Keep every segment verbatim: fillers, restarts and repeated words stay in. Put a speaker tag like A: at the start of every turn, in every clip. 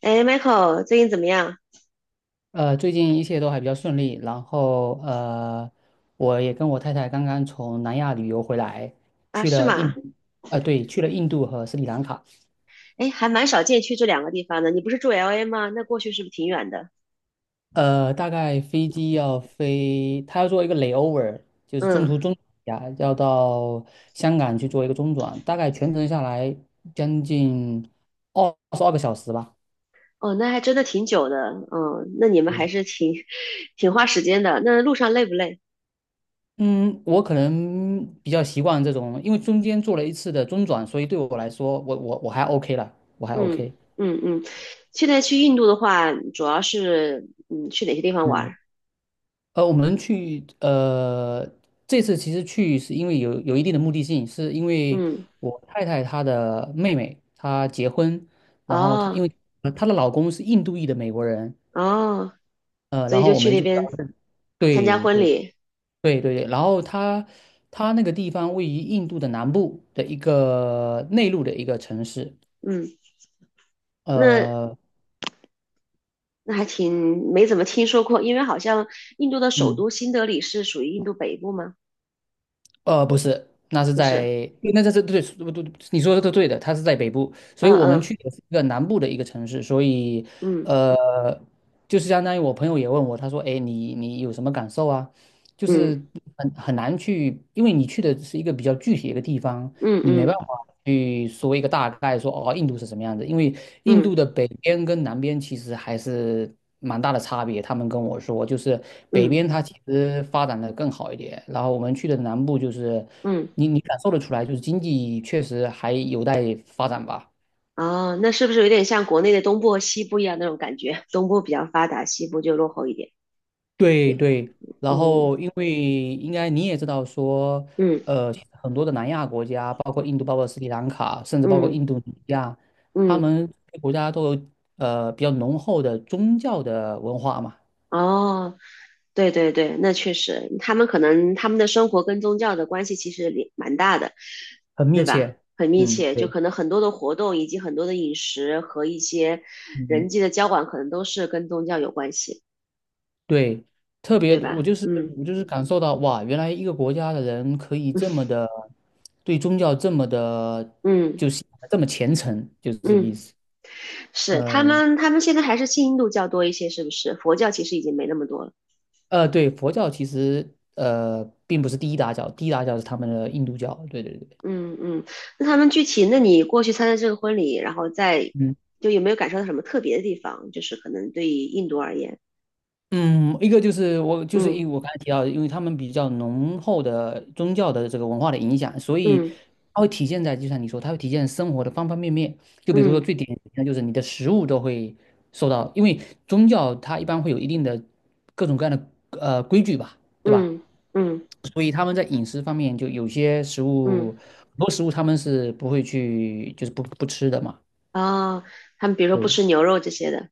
A: 哎，Michael，最近怎么样
B: 呃，最近一切都还比较顺利，然后呃，我也跟我太太刚刚从南亚旅游回来，
A: 啊？
B: 去
A: 是
B: 了印，
A: 吗？
B: 呃，对，去了印度和斯里兰卡，
A: 哎，还蛮少见去这两个地方的。你不是住 L A 吗？那过去是不是挺远的？
B: 呃，大概飞机要飞，他要做一个 layover，就是中
A: 嗯，
B: 途中呀，要到香港去做一个中转，大概全程下来将近二十二个小时吧。
A: 哦，那还真的挺久的。嗯，那你们还
B: 对。
A: 是挺 挺花时间的。那路上累不累？
B: 嗯，我可能比较习惯这种，因为中间做了一次的中转，所以对我来说，我我我还 OK 了，我还
A: 嗯
B: O K。
A: 嗯嗯。现在去印度的话，主要是嗯去哪些地方玩
B: 嗯
A: 儿？
B: 呃，我们去呃，这次其实去是因为有有一定的目的性，是因为
A: 嗯，
B: 我太太她的妹妹她结婚，然后她
A: 哦
B: 因为呃她的老公是印度裔的美国人，
A: 哦，
B: 呃，
A: 所
B: 然
A: 以就
B: 后我
A: 去
B: 们
A: 那
B: 就对
A: 边参加
B: 对
A: 婚
B: 对
A: 礼。
B: 对对，然后她她那个地方位于印度的南部的一个内陆的一个城市，
A: 嗯，那
B: 呃。
A: 那还挺没怎么听说过，因为好像印度的首
B: 嗯。
A: 都新德里是属于印度北部吗？
B: 呃，不是，那是
A: 不
B: 在，
A: 是，
B: 对那这是对，对对，你说的都对的，它是在北部，所
A: 嗯
B: 以我们
A: 嗯
B: 去的是一个南部的一个城市，所以，
A: 嗯
B: 呃，就是相当于我朋友也问我，他说，哎，你你有什么感受啊？就
A: 嗯
B: 是很很难去，因为你去的是一个比较具体的一个地方，
A: 嗯
B: 你没办
A: 嗯
B: 法。去说一个大概说，哦，印度是什么样子？因为印度
A: 嗯
B: 的北边跟南边其实还是蛮大的差别。他们跟我说，就是北
A: 嗯
B: 边它其实发展的更好一点，然后我们去的南部就是，
A: 嗯，
B: 你你感受得出来，就是经济确实还有待发展吧。
A: 哦，那是不是有点像国内的东部和西部一样那种感觉？东部比较发达，西部就落后一点。
B: 对对，然
A: 嗯
B: 后因为应该你也知道说，
A: 嗯
B: 呃，很多的南亚国家，包括印度、包括斯里兰卡，甚至包括
A: 嗯
B: 印度尼西亚，他
A: 嗯，
B: 们国家都有呃比较浓厚的宗教的文化嘛，
A: 哦，对对对，那确实，他们可能他们的生活跟宗教的关系其实也蛮大的，
B: 很密
A: 对吧？
B: 切。
A: 很密
B: 嗯，
A: 切，就
B: 对，
A: 可能很多的活动以及很多的饮食和一些
B: 嗯，
A: 人际的交往，可能都是跟宗教有关系，
B: 对，特别
A: 对
B: 我
A: 吧？
B: 就是
A: 嗯
B: 我就是感受到哇，原来一个国家的人可以这么的对宗教这么的，
A: 嗯
B: 就是这么虔诚，就是这个
A: 嗯，
B: 意
A: 嗯，
B: 思。
A: 是，他
B: 嗯。
A: 们他们现在还是信印度教多一些，是不是？佛教其实已经没那么多了。
B: 呃，对，佛教其实呃并不是第一大教，第一大教是他们的印度教。对对对，
A: 嗯嗯，那他们具体，那你过去参加这个婚礼，然后再
B: 嗯
A: 就有没有感受到什么特别的地方？就是可能对于印度而言，
B: 嗯，一个就是我就是
A: 嗯
B: 因为我刚才提到的，因为他们比较浓厚的宗教的这个文化的影响，所以
A: 嗯。
B: 它会体现在就像你说，它会体现生活的方方面面。就比如说
A: 嗯
B: 最典型的就是你的食物都会受到，因为宗教它一般会有一定的各种各样的呃规矩吧，对吧？
A: 嗯嗯
B: 所以他们在饮食方面，就有些食
A: 嗯，
B: 物，很多食物他们是不会去，就是不不吃的嘛。
A: 哦，他们比如说不
B: 对
A: 吃牛肉这些的，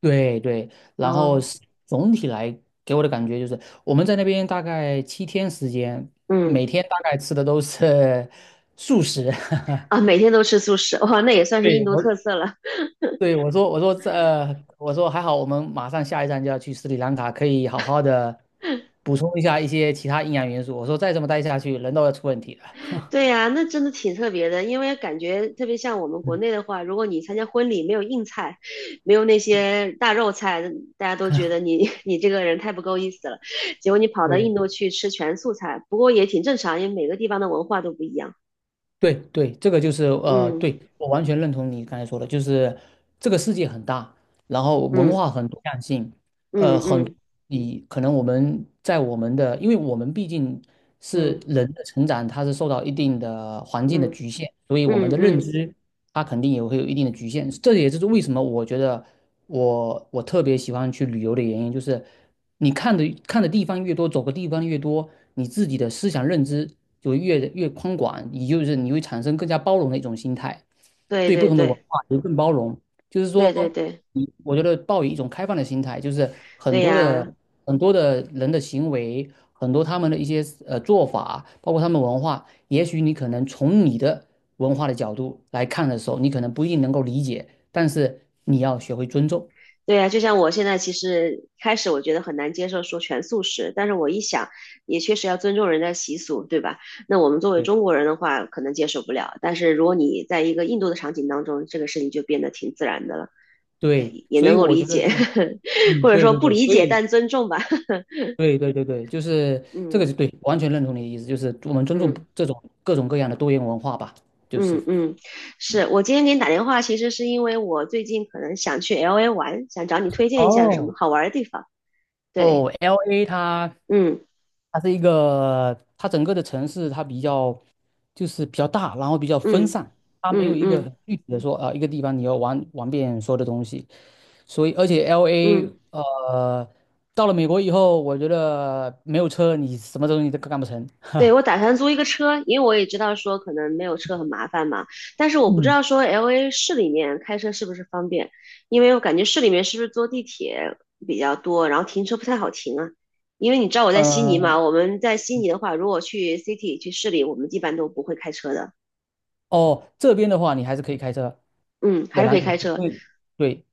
B: 对对，然后
A: 哦，
B: 是总体来给我的感觉就是，我们在那边大概七天时间，
A: 嗯
B: 每天大概吃的都是 素食。
A: 啊，每天都吃素食，哇，那也算是印
B: 对
A: 度特
B: 我，
A: 色了。
B: 对我说，我说这，呃我说还好，我们马上下一站就要去斯里兰卡，可以好好的补充一下一些其他营养元素。我说再这么待下去，人都要出问题了。
A: 对呀，那真的挺特别的，因为感觉特别像我们国
B: 嗯，
A: 内的话，如果你参加婚礼没有硬菜，没有那些大肉菜，大家都觉得 你 你这个人太不够意思了。结果你跑到
B: 对。
A: 印度去吃全素菜，不过也挺正常，因为每个地方的文化都不一样。
B: 对对，这个就是呃，
A: 嗯
B: 对，我完全认同你刚才说的，就是这个世界很大，然后文
A: 嗯
B: 化很多样性，呃，
A: 嗯
B: 很
A: 嗯
B: 你可能我们在我们的，因为我们毕竟是
A: 嗯
B: 人的成长，它是受到一定的环境的
A: 嗯
B: 局限，所以
A: 嗯
B: 我们的认
A: 嗯，
B: 知它肯定也会有一定的局限，这也就是为什么我觉得。我我特别喜欢去旅游的原因就是，你看的看的地方越多，走的地方越多，你自己的思想认知就越越宽广，也就是你会产生更加包容的一种心态，
A: 对
B: 对不
A: 对
B: 同的文
A: 对。
B: 化也更包容。就是
A: 对对
B: 说，
A: 对
B: 你我觉得抱以一种开放的心态，就是很
A: 对
B: 多
A: 呀，
B: 的很多的人的行为，很多他们的一些呃做法，包括他们文化，也许你可能从你的文化的角度来看的时候，你可能不一定能够理解。但是你要学会尊重。
A: 对呀，就像我现在其实开始我觉得很难接受说全素食，但是我一想，也确实要尊重人家习俗，对吧？那我们作为
B: 对，
A: 中国人的话，可能接受不了，但是如果你在一个印度的场景当中，这个事情就变得挺自然的了，对，
B: 对，
A: 也
B: 所
A: 能
B: 以
A: 够
B: 我
A: 理
B: 觉得
A: 解，
B: 就是，嗯，
A: 或者
B: 对
A: 说
B: 对
A: 不
B: 对，
A: 理
B: 所
A: 解
B: 以
A: 但尊重吧，
B: 对对对对，就是这个
A: 嗯
B: 是对，完全认同你的意思，就是我们尊重
A: 嗯。
B: 这种各种各样的多元文化吧，就是。
A: 嗯嗯，是我今天给你打电话，其实是因为我最近可能想去 L A 玩，想找你推荐一下有什么
B: 哦，
A: 好玩的地方。对，
B: 哦，L A 它
A: 嗯
B: 它是一个，它整个的城市它比较就是比较大，然后比较分
A: 嗯。
B: 散，它没有
A: 嗯
B: 一个
A: 嗯
B: 很具体的说啊、呃一个地方你要玩玩遍所有的东西，所以而且 L A
A: 嗯，
B: 呃，到了美国以后，我觉得没有车你什么东西都干不成。
A: 对，
B: 哈，
A: 我打算租一个车，因为我也知道说可能没有车很麻烦嘛，但是我不知
B: 嗯
A: 道说 L A 市里面开车是不是方便，因为我感觉市里面是不是坐地铁比较多，然后停车不太好停啊，因为你知道我在悉尼
B: 嗯
A: 嘛，我们在悉尼的话，如果去 city 去市里，我们一般都不会开车的，
B: 哦，这边的话你还是可以开车，
A: 嗯，还
B: 仍
A: 是
B: 然
A: 可以
B: 可以
A: 开
B: 对，
A: 车，
B: 因为对，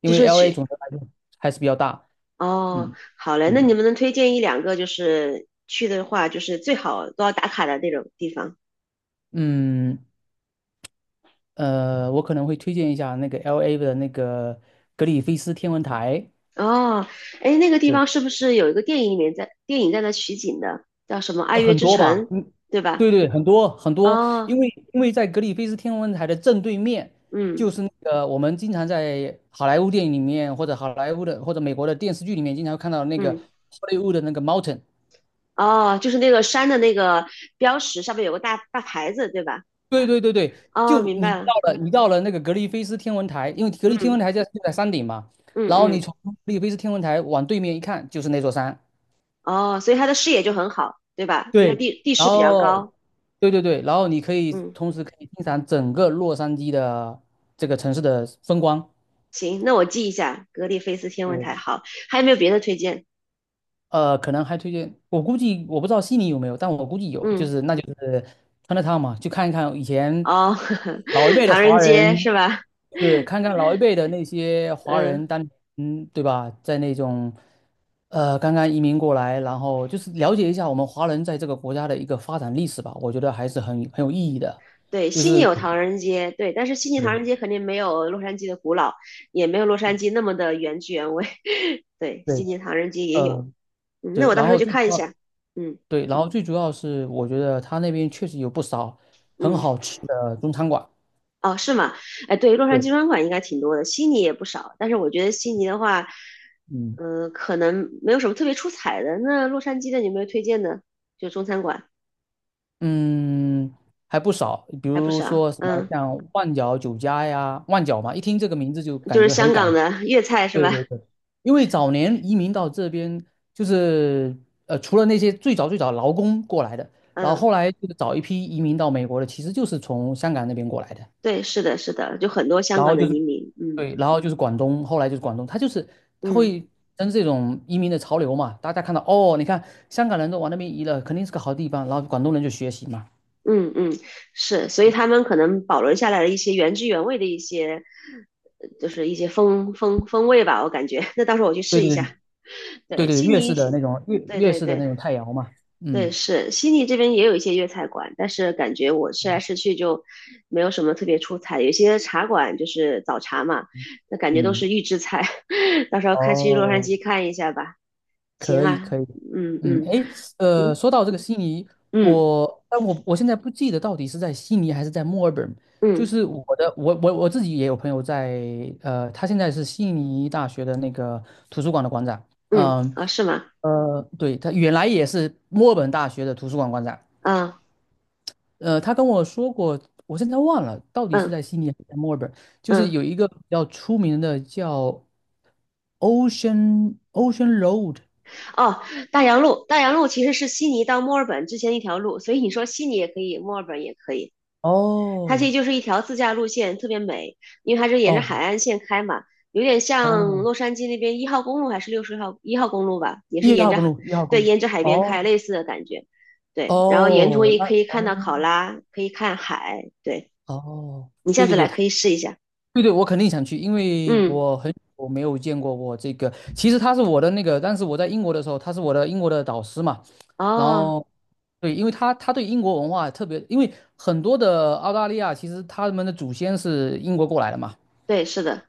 B: 因
A: 就
B: 为
A: 是
B: L A
A: 去，
B: 总的来说还是比较大。
A: 哦，
B: 嗯
A: 好嘞，那你
B: 嗯
A: 们能推荐一两个就是去的话，就是最好都要打卡的那种地方？
B: 嗯，呃，我可能会推荐一下那个 L A 的那个格里菲斯天文台。
A: 哦，哎，那个地方是不是有一个电影里面在电影在那取景的，叫什么《爱
B: 呃
A: 乐
B: 很
A: 之
B: 多
A: 城》，
B: 吧，嗯，
A: 对吧？
B: 对对，很多很多，因
A: 哦，
B: 为因为在格里菲斯天文台的正对面，
A: 嗯
B: 就是那个我们经常在好莱坞电影里面，或者好莱坞的或者美国的电视剧里面，经常看到那个
A: 嗯，
B: h o l 的那个 mountain。
A: 哦，就是那个山的那个标识上面有个大大牌子，对吧？
B: 对对对对，
A: 哦，
B: 就
A: 明
B: 你
A: 白了，
B: 到了你到了那个格里菲斯天文台，因为格里菲斯天
A: 嗯
B: 文台在就在山顶嘛，
A: 嗯
B: 然后你
A: 嗯，
B: 从格里菲斯天文台往对面一看，就是那座山，
A: 哦，所以它的视野就很好，对吧？因为
B: 对，
A: 地地
B: 然
A: 势比较
B: 后
A: 高，
B: 对对对，然后你可以
A: 嗯，
B: 同时可以欣赏整个洛杉矶的这个城市的风光。
A: 行，那我记一下格里菲斯天文台，
B: 对，
A: 好，还有没有别的推荐？
B: 呃，可能还推荐，我估计我不知道悉尼有没有，但我估计有，就
A: 嗯，
B: 是那就是 c h i 嘛，去看一看以前
A: 哦，
B: 老一 辈的
A: 唐人
B: 华
A: 街
B: 人，
A: 是吧？
B: 对，看看老一辈的那些 华人
A: 嗯。
B: 当，嗯，对吧，在那种呃刚刚移民过来，然后就是了解一下我们华人在这个国家的一个发展历史吧，我觉得还是很很有意义的。
A: 对，
B: 就
A: 悉尼
B: 是
A: 有唐人街，对，但是悉尼唐
B: 对
A: 人街肯定没有洛杉矶的古老，也没有洛杉矶那么的原汁原味。对，悉
B: 对，
A: 尼唐人街也有，
B: 嗯，
A: 嗯，那
B: 对，
A: 我到
B: 然
A: 时候
B: 后
A: 去
B: 最主
A: 看一
B: 要，
A: 下。嗯
B: 对，然后最主要是，我觉得他那边确实有不少很
A: 嗯，
B: 好吃的中餐馆，
A: 哦，是吗？哎，对，洛杉
B: 对，
A: 矶专馆应该挺多的，悉尼也不少，但是我觉得悉尼的话，
B: 嗯
A: 嗯，可能没有什么特别出彩的。那洛杉矶的有没有推荐的？就中餐馆
B: 嗯，还不少，比
A: 还不
B: 如
A: 少，
B: 说什么
A: 嗯，
B: 像万角酒家呀，万角嘛，一听这个名字就
A: 就
B: 感
A: 是
B: 觉很
A: 香港
B: 感，
A: 的粤菜是
B: 对
A: 吧？
B: 对对，因为早年移民到这边，就是呃，除了那些最早最早劳工过来的，然后
A: 嗯，
B: 后来就是早一批移民到美国的，其实就是从香港那边过来的。
A: 对，是的，是的，就很多香
B: 然
A: 港
B: 后
A: 的
B: 就
A: 移
B: 是
A: 民，嗯
B: 对，然后就是广东，后来就是广东，他就是他
A: 嗯。
B: 会跟这种移民的潮流嘛，大家看到哦，你看香港人都往那边移了，肯定是个好地方，然后广东人就学习嘛，
A: 嗯嗯，是，所以他们可能保留下来了一些原汁原味的一些，呃就是一些风风风味吧，我感觉。那到时候我去
B: 对
A: 试一
B: 对
A: 下。
B: 对对
A: 对，
B: 对，
A: 悉
B: 粤
A: 尼，
B: 式的那种粤
A: 对
B: 粤
A: 对
B: 式的
A: 对
B: 那种太阳嘛，
A: 对，
B: 嗯
A: 是悉尼这边也有一些粤菜馆，但是感觉我吃来吃去就没有什么特别出彩。有些茶馆就是早茶嘛，那感觉都是
B: 嗯，
A: 预制菜。到时候看去洛杉
B: 哦，
A: 矶看一下吧。行
B: 可以
A: 啊，
B: 可以，
A: 嗯
B: 嗯，
A: 嗯
B: 诶，呃，
A: 嗯
B: 说到这个悉尼，
A: 嗯
B: 我但我我现在不记得到底是在悉尼还是在墨尔本。就
A: 嗯
B: 是我的，我我我自己也有朋友在，呃，他现在是悉尼大学的那个图书馆的馆长，
A: 嗯，
B: 嗯
A: 啊，是吗？
B: 呃，对，他原来也是墨尔本大学的图书馆馆长，
A: 嗯
B: 呃，他跟我说过，我现在忘了到底是
A: 嗯
B: 在悉尼还是在墨尔本，就是
A: 嗯。
B: 有一个比较出名的叫 Ocean Ocean Road，
A: 哦，大洋路，大洋路其实是悉尼到墨尔本之前一条路，所以你说悉尼也可以，墨尔本也可以。它其实
B: 哦
A: 就是一条自驾路线，特别美，因为它是沿着海
B: 哦
A: 岸线开嘛，有点像
B: 哦，
A: 洛杉矶那边一号公路还是六十号一号公路吧，也是
B: 一
A: 沿
B: 号
A: 着
B: 公
A: 海，
B: 路，一号公
A: 对，
B: 路。
A: 沿着海边开，
B: 哦
A: 类似的感觉。对，然后沿途
B: 哦，
A: 也
B: 那
A: 可以看
B: 哦
A: 到考拉，可以看海。对，
B: 哦，
A: 你
B: 对
A: 下
B: 对
A: 次
B: 对，
A: 来
B: 他
A: 可以试一下。
B: 对对，我肯定想去，因为
A: 嗯，
B: 我很我没有见过我这个，其实他是我的那个，但是我在英国的时候，他是我的英国的导师嘛，然
A: 哦，
B: 后对，因为他他对英国文化特别，因为很多的澳大利亚其实他们的祖先是英国过来的嘛，
A: 对，是的，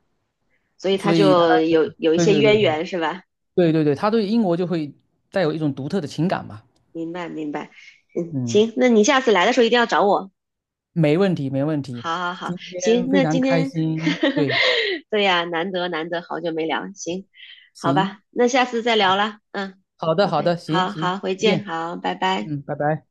A: 所以它
B: 所以他
A: 就有有一
B: 对
A: 些
B: 对对
A: 渊
B: 对
A: 源，是吧？
B: 对对对，他对英国就会带有一种独特的情感嘛，
A: 明白明白，嗯，
B: 嗯
A: 行，那你下次来的时候一定要找我。
B: 没问题，没问题。
A: 好好好，
B: 今天
A: 行，
B: 非
A: 那
B: 常
A: 今
B: 开
A: 天，
B: 心，对，
A: 对呀，难得难得，好久没聊，行，好
B: 行，
A: 吧，那下次再聊啦，嗯
B: 好的，好的，
A: ，OK,
B: 行
A: 好
B: 行，
A: 好，回
B: 再
A: 见，
B: 见，
A: 好，拜拜。
B: 嗯，拜拜。